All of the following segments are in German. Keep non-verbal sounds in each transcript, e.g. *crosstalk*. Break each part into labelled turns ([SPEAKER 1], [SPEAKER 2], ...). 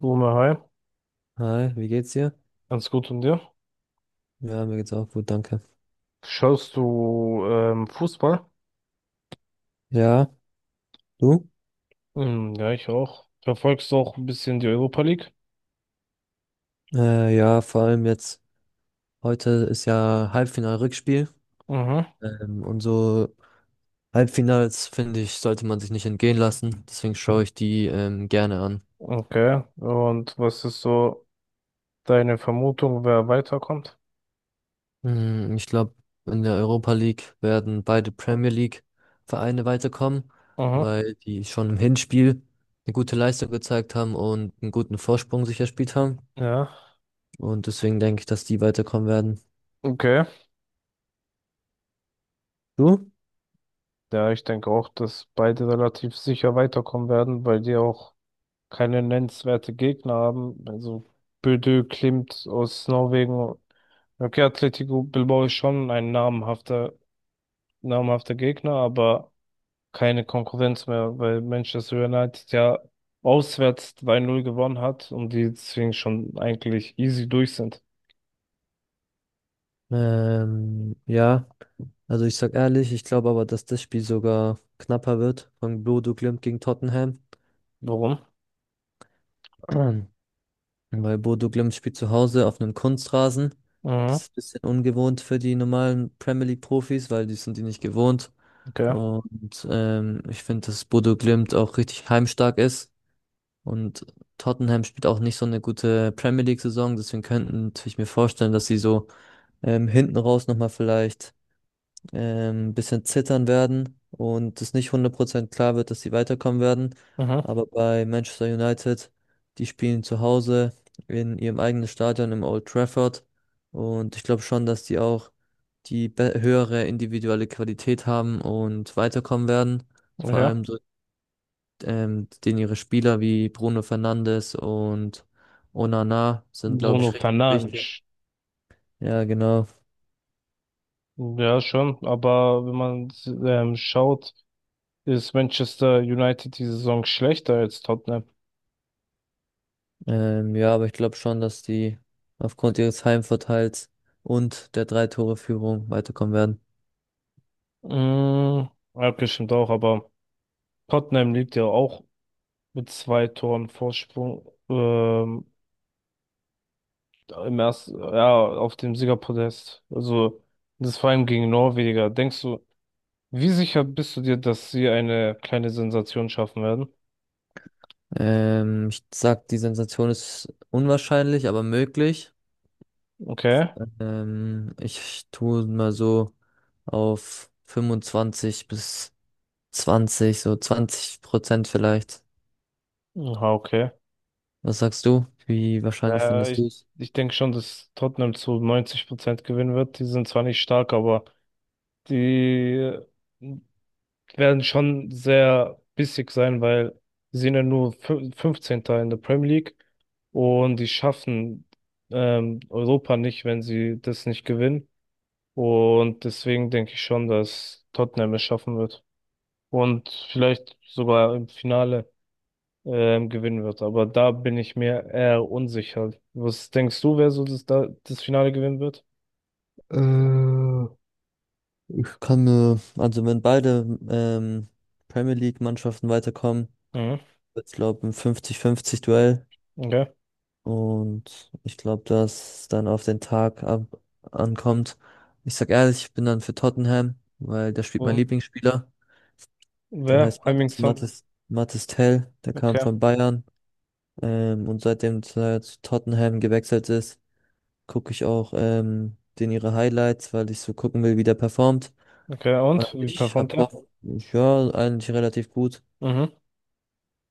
[SPEAKER 1] Boomer, hi,
[SPEAKER 2] Hi, wie geht's dir?
[SPEAKER 1] ganz gut und dir?
[SPEAKER 2] Ja, mir geht's auch gut, danke.
[SPEAKER 1] Schaust du Fußball?
[SPEAKER 2] Ja, du?
[SPEAKER 1] Hm, ja, ich auch. Verfolgst du auch ein bisschen die Europa League?
[SPEAKER 2] Ja, vor allem jetzt, heute ist ja Halbfinal-Rückspiel.
[SPEAKER 1] Mhm.
[SPEAKER 2] Ähm, und so Halbfinals, finde ich, sollte man sich nicht entgehen lassen. Deswegen schaue ich die gerne an.
[SPEAKER 1] Okay. Und was ist so deine Vermutung, wer weiterkommt?
[SPEAKER 2] Ich glaube, in der Europa League werden beide Premier League-Vereine weiterkommen,
[SPEAKER 1] Mhm.
[SPEAKER 2] weil die schon im Hinspiel eine gute Leistung gezeigt haben und einen guten Vorsprung sich erspielt haben.
[SPEAKER 1] Ja.
[SPEAKER 2] Und deswegen denke ich, dass die weiterkommen werden.
[SPEAKER 1] Okay.
[SPEAKER 2] Du?
[SPEAKER 1] Ja, ich denke auch, dass beide relativ sicher weiterkommen werden, weil die auch keine nennenswerte Gegner haben. Also Bodø Glimt aus Norwegen. Okay, Atletico Bilbao ist schon ein namhafter Gegner, aber keine Konkurrenz mehr, weil Manchester United ja auswärts 2 null gewonnen hat und die deswegen schon eigentlich easy durch sind.
[SPEAKER 2] Ähm, ja, also ich sag ehrlich, ich glaube aber, dass das Spiel sogar knapper wird von Bodo Glimt gegen Tottenham.
[SPEAKER 1] Warum?
[SPEAKER 2] *clears throat* Weil Bodo Glimt spielt zu Hause auf einem Kunstrasen.
[SPEAKER 1] Mhm,
[SPEAKER 2] Das ist ein bisschen ungewohnt für die normalen Premier League Profis, weil die sind die nicht gewohnt.
[SPEAKER 1] okay.
[SPEAKER 2] Und ich finde, dass Bodo Glimt auch richtig heimstark ist. Und Tottenham spielt auch nicht so eine gute Premier League Saison. Deswegen könnte ich mir vorstellen, dass sie so hinten raus nochmal vielleicht bisschen zittern werden und es nicht 100% klar wird, dass sie weiterkommen werden.
[SPEAKER 1] Mhm,
[SPEAKER 2] Aber bei Manchester United, die spielen zu Hause in ihrem eigenen Stadion im Old Trafford. Und ich glaube schon, dass die auch höhere individuelle Qualität haben und weiterkommen werden. Vor
[SPEAKER 1] okay.
[SPEAKER 2] allem so, den ihre Spieler wie Bruno Fernandes und Onana sind, glaube
[SPEAKER 1] Bruno
[SPEAKER 2] ich, richtig wichtig.
[SPEAKER 1] Fernandes.
[SPEAKER 2] Ja, genau.
[SPEAKER 1] Ja, schon, aber wenn man schaut, ist Manchester United die Saison schlechter als Tottenham.
[SPEAKER 2] Ja, aber ich glaube schon, dass die aufgrund ihres Heimvorteils und der Drei-Tore-Führung weiterkommen werden.
[SPEAKER 1] Mhm, ja, okay, stimmt auch, aber Tottenham liegt ja auch mit 2 Toren Vorsprung. Ähm, Im ersten, ja, auf dem Siegerpodest. Also, das vor allem gegen Norweger. Denkst du, wie sicher bist du dir, dass sie eine kleine Sensation schaffen werden?
[SPEAKER 2] Ich sag, die Sensation ist unwahrscheinlich, aber möglich.
[SPEAKER 1] Okay.
[SPEAKER 2] Ich tue mal so auf 25 bis 20, so 20% vielleicht.
[SPEAKER 1] Aha, okay.
[SPEAKER 2] Was sagst du? Wie wahrscheinlich
[SPEAKER 1] Äh,
[SPEAKER 2] findest
[SPEAKER 1] ich
[SPEAKER 2] du es?
[SPEAKER 1] ich denke schon, dass Tottenham zu 90% gewinnen wird. Die sind zwar nicht stark, aber die werden schon sehr bissig sein, weil sie sind ja nur 15. in der Premier League und die schaffen Europa nicht, wenn sie das nicht gewinnen. Und deswegen denke ich schon, dass Tottenham es schaffen wird. Und vielleicht sogar im Finale gewinnen wird. Aber da bin ich mir eher unsicher. Was denkst du, wer so das Finale gewinnen wird?
[SPEAKER 2] Äh, Ich kann mir, also wenn beide Premier League-Mannschaften weiterkommen,
[SPEAKER 1] Mhm.
[SPEAKER 2] ich glaube, ein 50-50-Duell.
[SPEAKER 1] Okay.
[SPEAKER 2] Und ich glaube, dass es dann auf den Tag ab ankommt. Ich sag ehrlich, ich bin dann für Tottenham, weil da spielt mein
[SPEAKER 1] Und
[SPEAKER 2] Lieblingsspieler. Der
[SPEAKER 1] wer?
[SPEAKER 2] heißt
[SPEAKER 1] Heung-min Son.
[SPEAKER 2] Mathis Tell. Der kam
[SPEAKER 1] Okay.
[SPEAKER 2] von Bayern. Und seitdem er zu Tottenham gewechselt ist, gucke ich auch den ihre Highlights, weil ich so gucken will, wie der performt.
[SPEAKER 1] Okay.
[SPEAKER 2] Weil
[SPEAKER 1] Und wie
[SPEAKER 2] ich
[SPEAKER 1] performt
[SPEAKER 2] habe
[SPEAKER 1] er?
[SPEAKER 2] Hoffnung, ja, eigentlich relativ gut.
[SPEAKER 1] Mhm.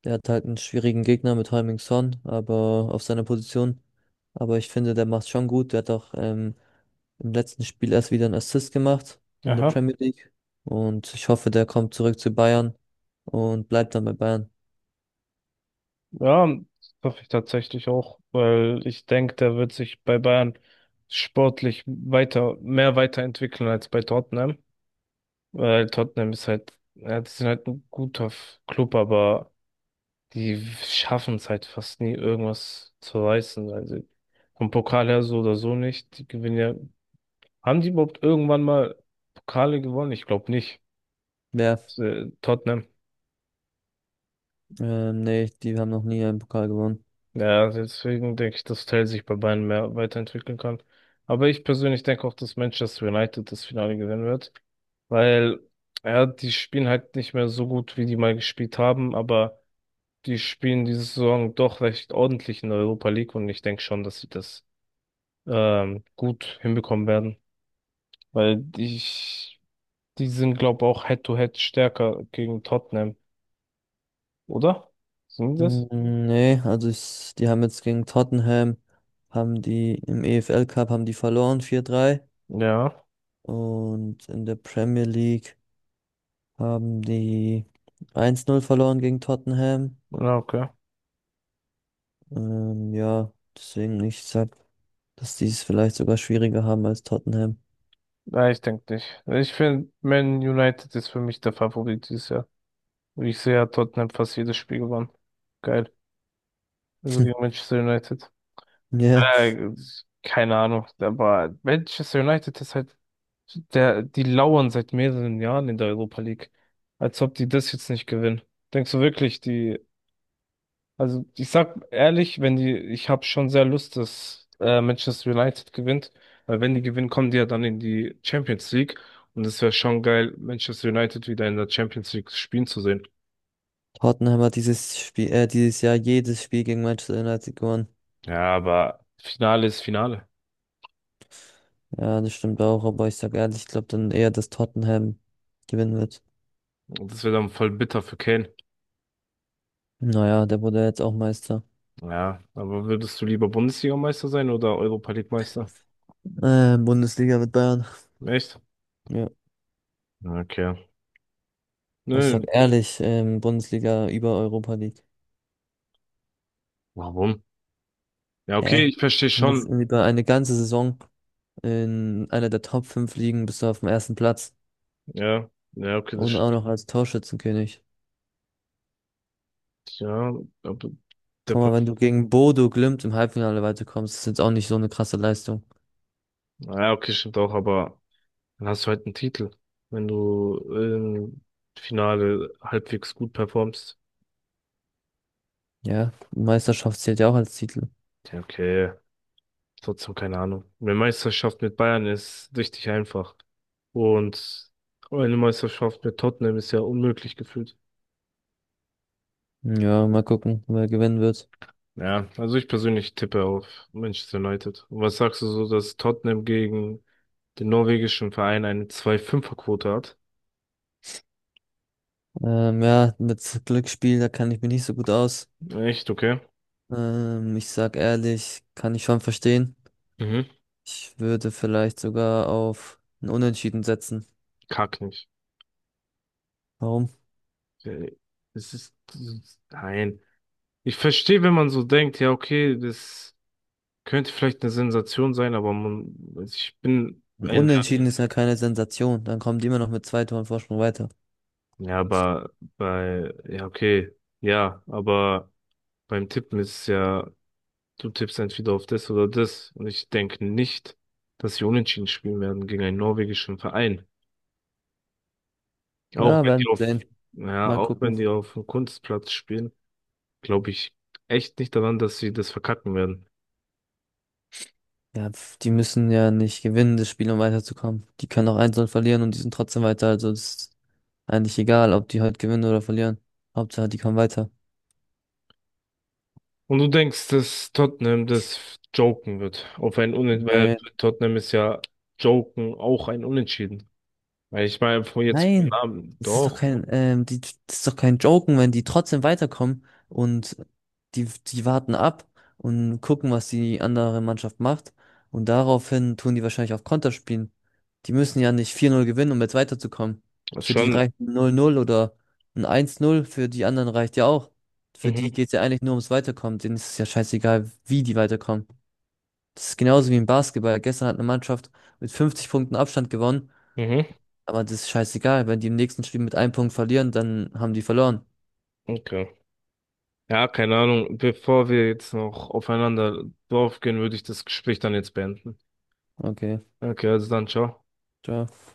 [SPEAKER 2] Der hat halt einen schwierigen Gegner mit Heung-min Son, aber auf seiner Position. Aber ich finde, der macht schon gut. Der hat auch im letzten Spiel erst wieder einen Assist gemacht in der
[SPEAKER 1] Aha.
[SPEAKER 2] Premier League. Und ich hoffe, der kommt zurück zu Bayern und bleibt dann bei Bayern.
[SPEAKER 1] Ja, das hoffe ich tatsächlich auch, weil ich denke, der wird sich bei Bayern sportlich mehr weiterentwickeln als bei Tottenham. Weil Tottenham ist halt, ja, die sind halt ein guter Club, aber die schaffen es halt fast nie, irgendwas zu reißen. Also vom Pokal her so oder so nicht. Die gewinnen ja. Haben die überhaupt irgendwann mal Pokale gewonnen? Ich glaube nicht.
[SPEAKER 2] Wer?
[SPEAKER 1] Tottenham.
[SPEAKER 2] Nee, die haben noch nie einen Pokal gewonnen.
[SPEAKER 1] Ja, deswegen denke ich, dass Tell sich bei Bayern mehr weiterentwickeln kann. Aber ich persönlich denke auch, dass Manchester United das Finale gewinnen wird. Weil, ja, die spielen halt nicht mehr so gut, wie die mal gespielt haben, aber die spielen diese Saison doch recht ordentlich in der Europa League und ich denke schon, dass sie das gut hinbekommen werden, weil ich, die sind, glaube auch Head-to-Head stärker gegen Tottenham, oder? Sind die das?
[SPEAKER 2] Nee, die haben jetzt gegen Tottenham, haben die im EFL Cup haben die verloren 4-3
[SPEAKER 1] Ja,
[SPEAKER 2] und in der Premier League haben die 1-0 verloren gegen Tottenham.
[SPEAKER 1] na okay.
[SPEAKER 2] Ähm, ja, deswegen ich sag, dass die es vielleicht sogar schwieriger haben als Tottenham. *laughs*
[SPEAKER 1] Nein, ich denke nicht. Ich finde, Man United ist für mich der Favorit dieses Jahr. Ich sehe ja Tottenham fast jedes Spiel gewonnen. Geil. Also gegen Manchester United.
[SPEAKER 2] Ja,
[SPEAKER 1] Äh, Keine Ahnung, aber Manchester United ist halt. Die lauern seit mehreren Jahren in der Europa League. Als ob die das jetzt nicht gewinnen. Denkst du wirklich, also ich sag ehrlich, wenn die, ich habe schon sehr Lust, dass Manchester United gewinnt, weil wenn die gewinnen, kommen die ja dann in die Champions League und es wäre schon geil, Manchester United wieder in der Champions League spielen zu sehen.
[SPEAKER 2] Tottenham hat dieses Jahr jedes Spiel gegen Manchester United gewonnen.
[SPEAKER 1] Ja, aber Finale ist Finale.
[SPEAKER 2] Ja, das stimmt auch, aber ich sag ehrlich, ich glaube dann eher, dass Tottenham gewinnen wird.
[SPEAKER 1] Und das wäre dann voll bitter für Kane.
[SPEAKER 2] Naja, der wurde ja jetzt auch Meister.
[SPEAKER 1] Ja, aber würdest du lieber Bundesliga-Meister sein oder Europa League-Meister?
[SPEAKER 2] Bundesliga mit Bayern.
[SPEAKER 1] Echt?
[SPEAKER 2] Ja,
[SPEAKER 1] Okay.
[SPEAKER 2] ich
[SPEAKER 1] Nö,
[SPEAKER 2] sag ehrlich, Bundesliga über Europa League.
[SPEAKER 1] warum? Ja, okay,
[SPEAKER 2] Hä?
[SPEAKER 1] ich verstehe
[SPEAKER 2] Man muss
[SPEAKER 1] schon.
[SPEAKER 2] über eine ganze Saison in einer der Top 5 Ligen bist du auf dem ersten Platz
[SPEAKER 1] Ja, ja, okay, das
[SPEAKER 2] und auch
[SPEAKER 1] stimmt.
[SPEAKER 2] noch als Torschützenkönig.
[SPEAKER 1] Ja, aber der,
[SPEAKER 2] Guck
[SPEAKER 1] Pa-
[SPEAKER 2] mal, wenn du gegen Bodo Glimt im Halbfinale weiterkommst, ist jetzt auch nicht so eine krasse Leistung.
[SPEAKER 1] ja, okay, stimmt auch, aber dann hast du halt einen Titel, wenn du im Finale halbwegs gut performst.
[SPEAKER 2] Ja, Meisterschaft zählt ja auch als Titel.
[SPEAKER 1] Ja, okay, trotzdem keine Ahnung. Eine Meisterschaft mit Bayern ist richtig einfach. Und eine Meisterschaft mit Tottenham ist ja unmöglich gefühlt.
[SPEAKER 2] Ja, mal gucken, wer gewinnen wird.
[SPEAKER 1] Ja, also ich persönlich tippe auf Manchester United. Und was sagst du so, dass Tottenham gegen den norwegischen Verein eine 2,5er-Quote hat?
[SPEAKER 2] Ja, mit Glücksspiel, da kann ich mich nicht so gut aus.
[SPEAKER 1] Echt, okay.
[SPEAKER 2] Ich sag ehrlich, kann ich schon verstehen.
[SPEAKER 1] Mhm.
[SPEAKER 2] Ich würde vielleicht sogar auf ein Unentschieden setzen.
[SPEAKER 1] Kack nicht.
[SPEAKER 2] Warum?
[SPEAKER 1] Äh, nein. Ich verstehe, wenn man so denkt, ja, okay, das könnte vielleicht eine Sensation sein,
[SPEAKER 2] Ein Unentschieden ist ja keine Sensation. Dann kommen die immer noch mit zwei Toren Vorsprung weiter.
[SPEAKER 1] ja, ja, okay, ja, aber beim Tippen ist es ja, du tippst entweder auf das oder das und ich denke nicht, dass sie unentschieden spielen werden gegen einen norwegischen Verein. Auch
[SPEAKER 2] Ja,
[SPEAKER 1] wenn die
[SPEAKER 2] werden wir
[SPEAKER 1] auf,
[SPEAKER 2] sehen.
[SPEAKER 1] ja,
[SPEAKER 2] Mal
[SPEAKER 1] auch
[SPEAKER 2] gucken.
[SPEAKER 1] wenn die auf dem Kunstplatz spielen. Glaube ich echt nicht daran, dass sie das verkacken werden.
[SPEAKER 2] Ja, pf, die müssen ja nicht gewinnen, das Spiel, um weiterzukommen. Die können auch 1-0 verlieren und die sind trotzdem weiter. Also es ist eigentlich egal, ob die heute gewinnen oder verlieren. Hauptsache, die kommen weiter.
[SPEAKER 1] Und du denkst, dass Tottenham das joken wird. Auf ein Unentschieden, weil
[SPEAKER 2] Nö,
[SPEAKER 1] Tottenham ist ja joken auch ein Unentschieden. Weil ich meine, vor jetzt vom
[SPEAKER 2] nein,
[SPEAKER 1] Namen, doch,
[SPEAKER 2] das ist doch kein Joken, wenn die trotzdem weiterkommen und die warten ab und gucken, was die andere Mannschaft macht. Und daraufhin tun die wahrscheinlich auf Konter spielen. Die müssen ja nicht 4:0 gewinnen, um jetzt weiterzukommen.
[SPEAKER 1] ist
[SPEAKER 2] Für die
[SPEAKER 1] schon.
[SPEAKER 2] reicht ein null 0 oder ein 1:0. Für die anderen reicht ja auch. Für die
[SPEAKER 1] Mhm,
[SPEAKER 2] geht's ja eigentlich nur ums Weiterkommen. Denen ist es ja scheißegal, wie die weiterkommen. Das ist genauso wie im Basketball. Gestern hat eine Mannschaft mit 50 Punkten Abstand gewonnen,
[SPEAKER 1] mhm,
[SPEAKER 2] aber das ist scheißegal, wenn die im nächsten Spiel mit einem Punkt verlieren, dann haben die verloren.
[SPEAKER 1] okay. Ja, keine Ahnung. Bevor wir jetzt noch aufeinander draufgehen, würde ich das Gespräch dann jetzt beenden.
[SPEAKER 2] Okay,
[SPEAKER 1] Okay, also dann, ciao.
[SPEAKER 2] ciao.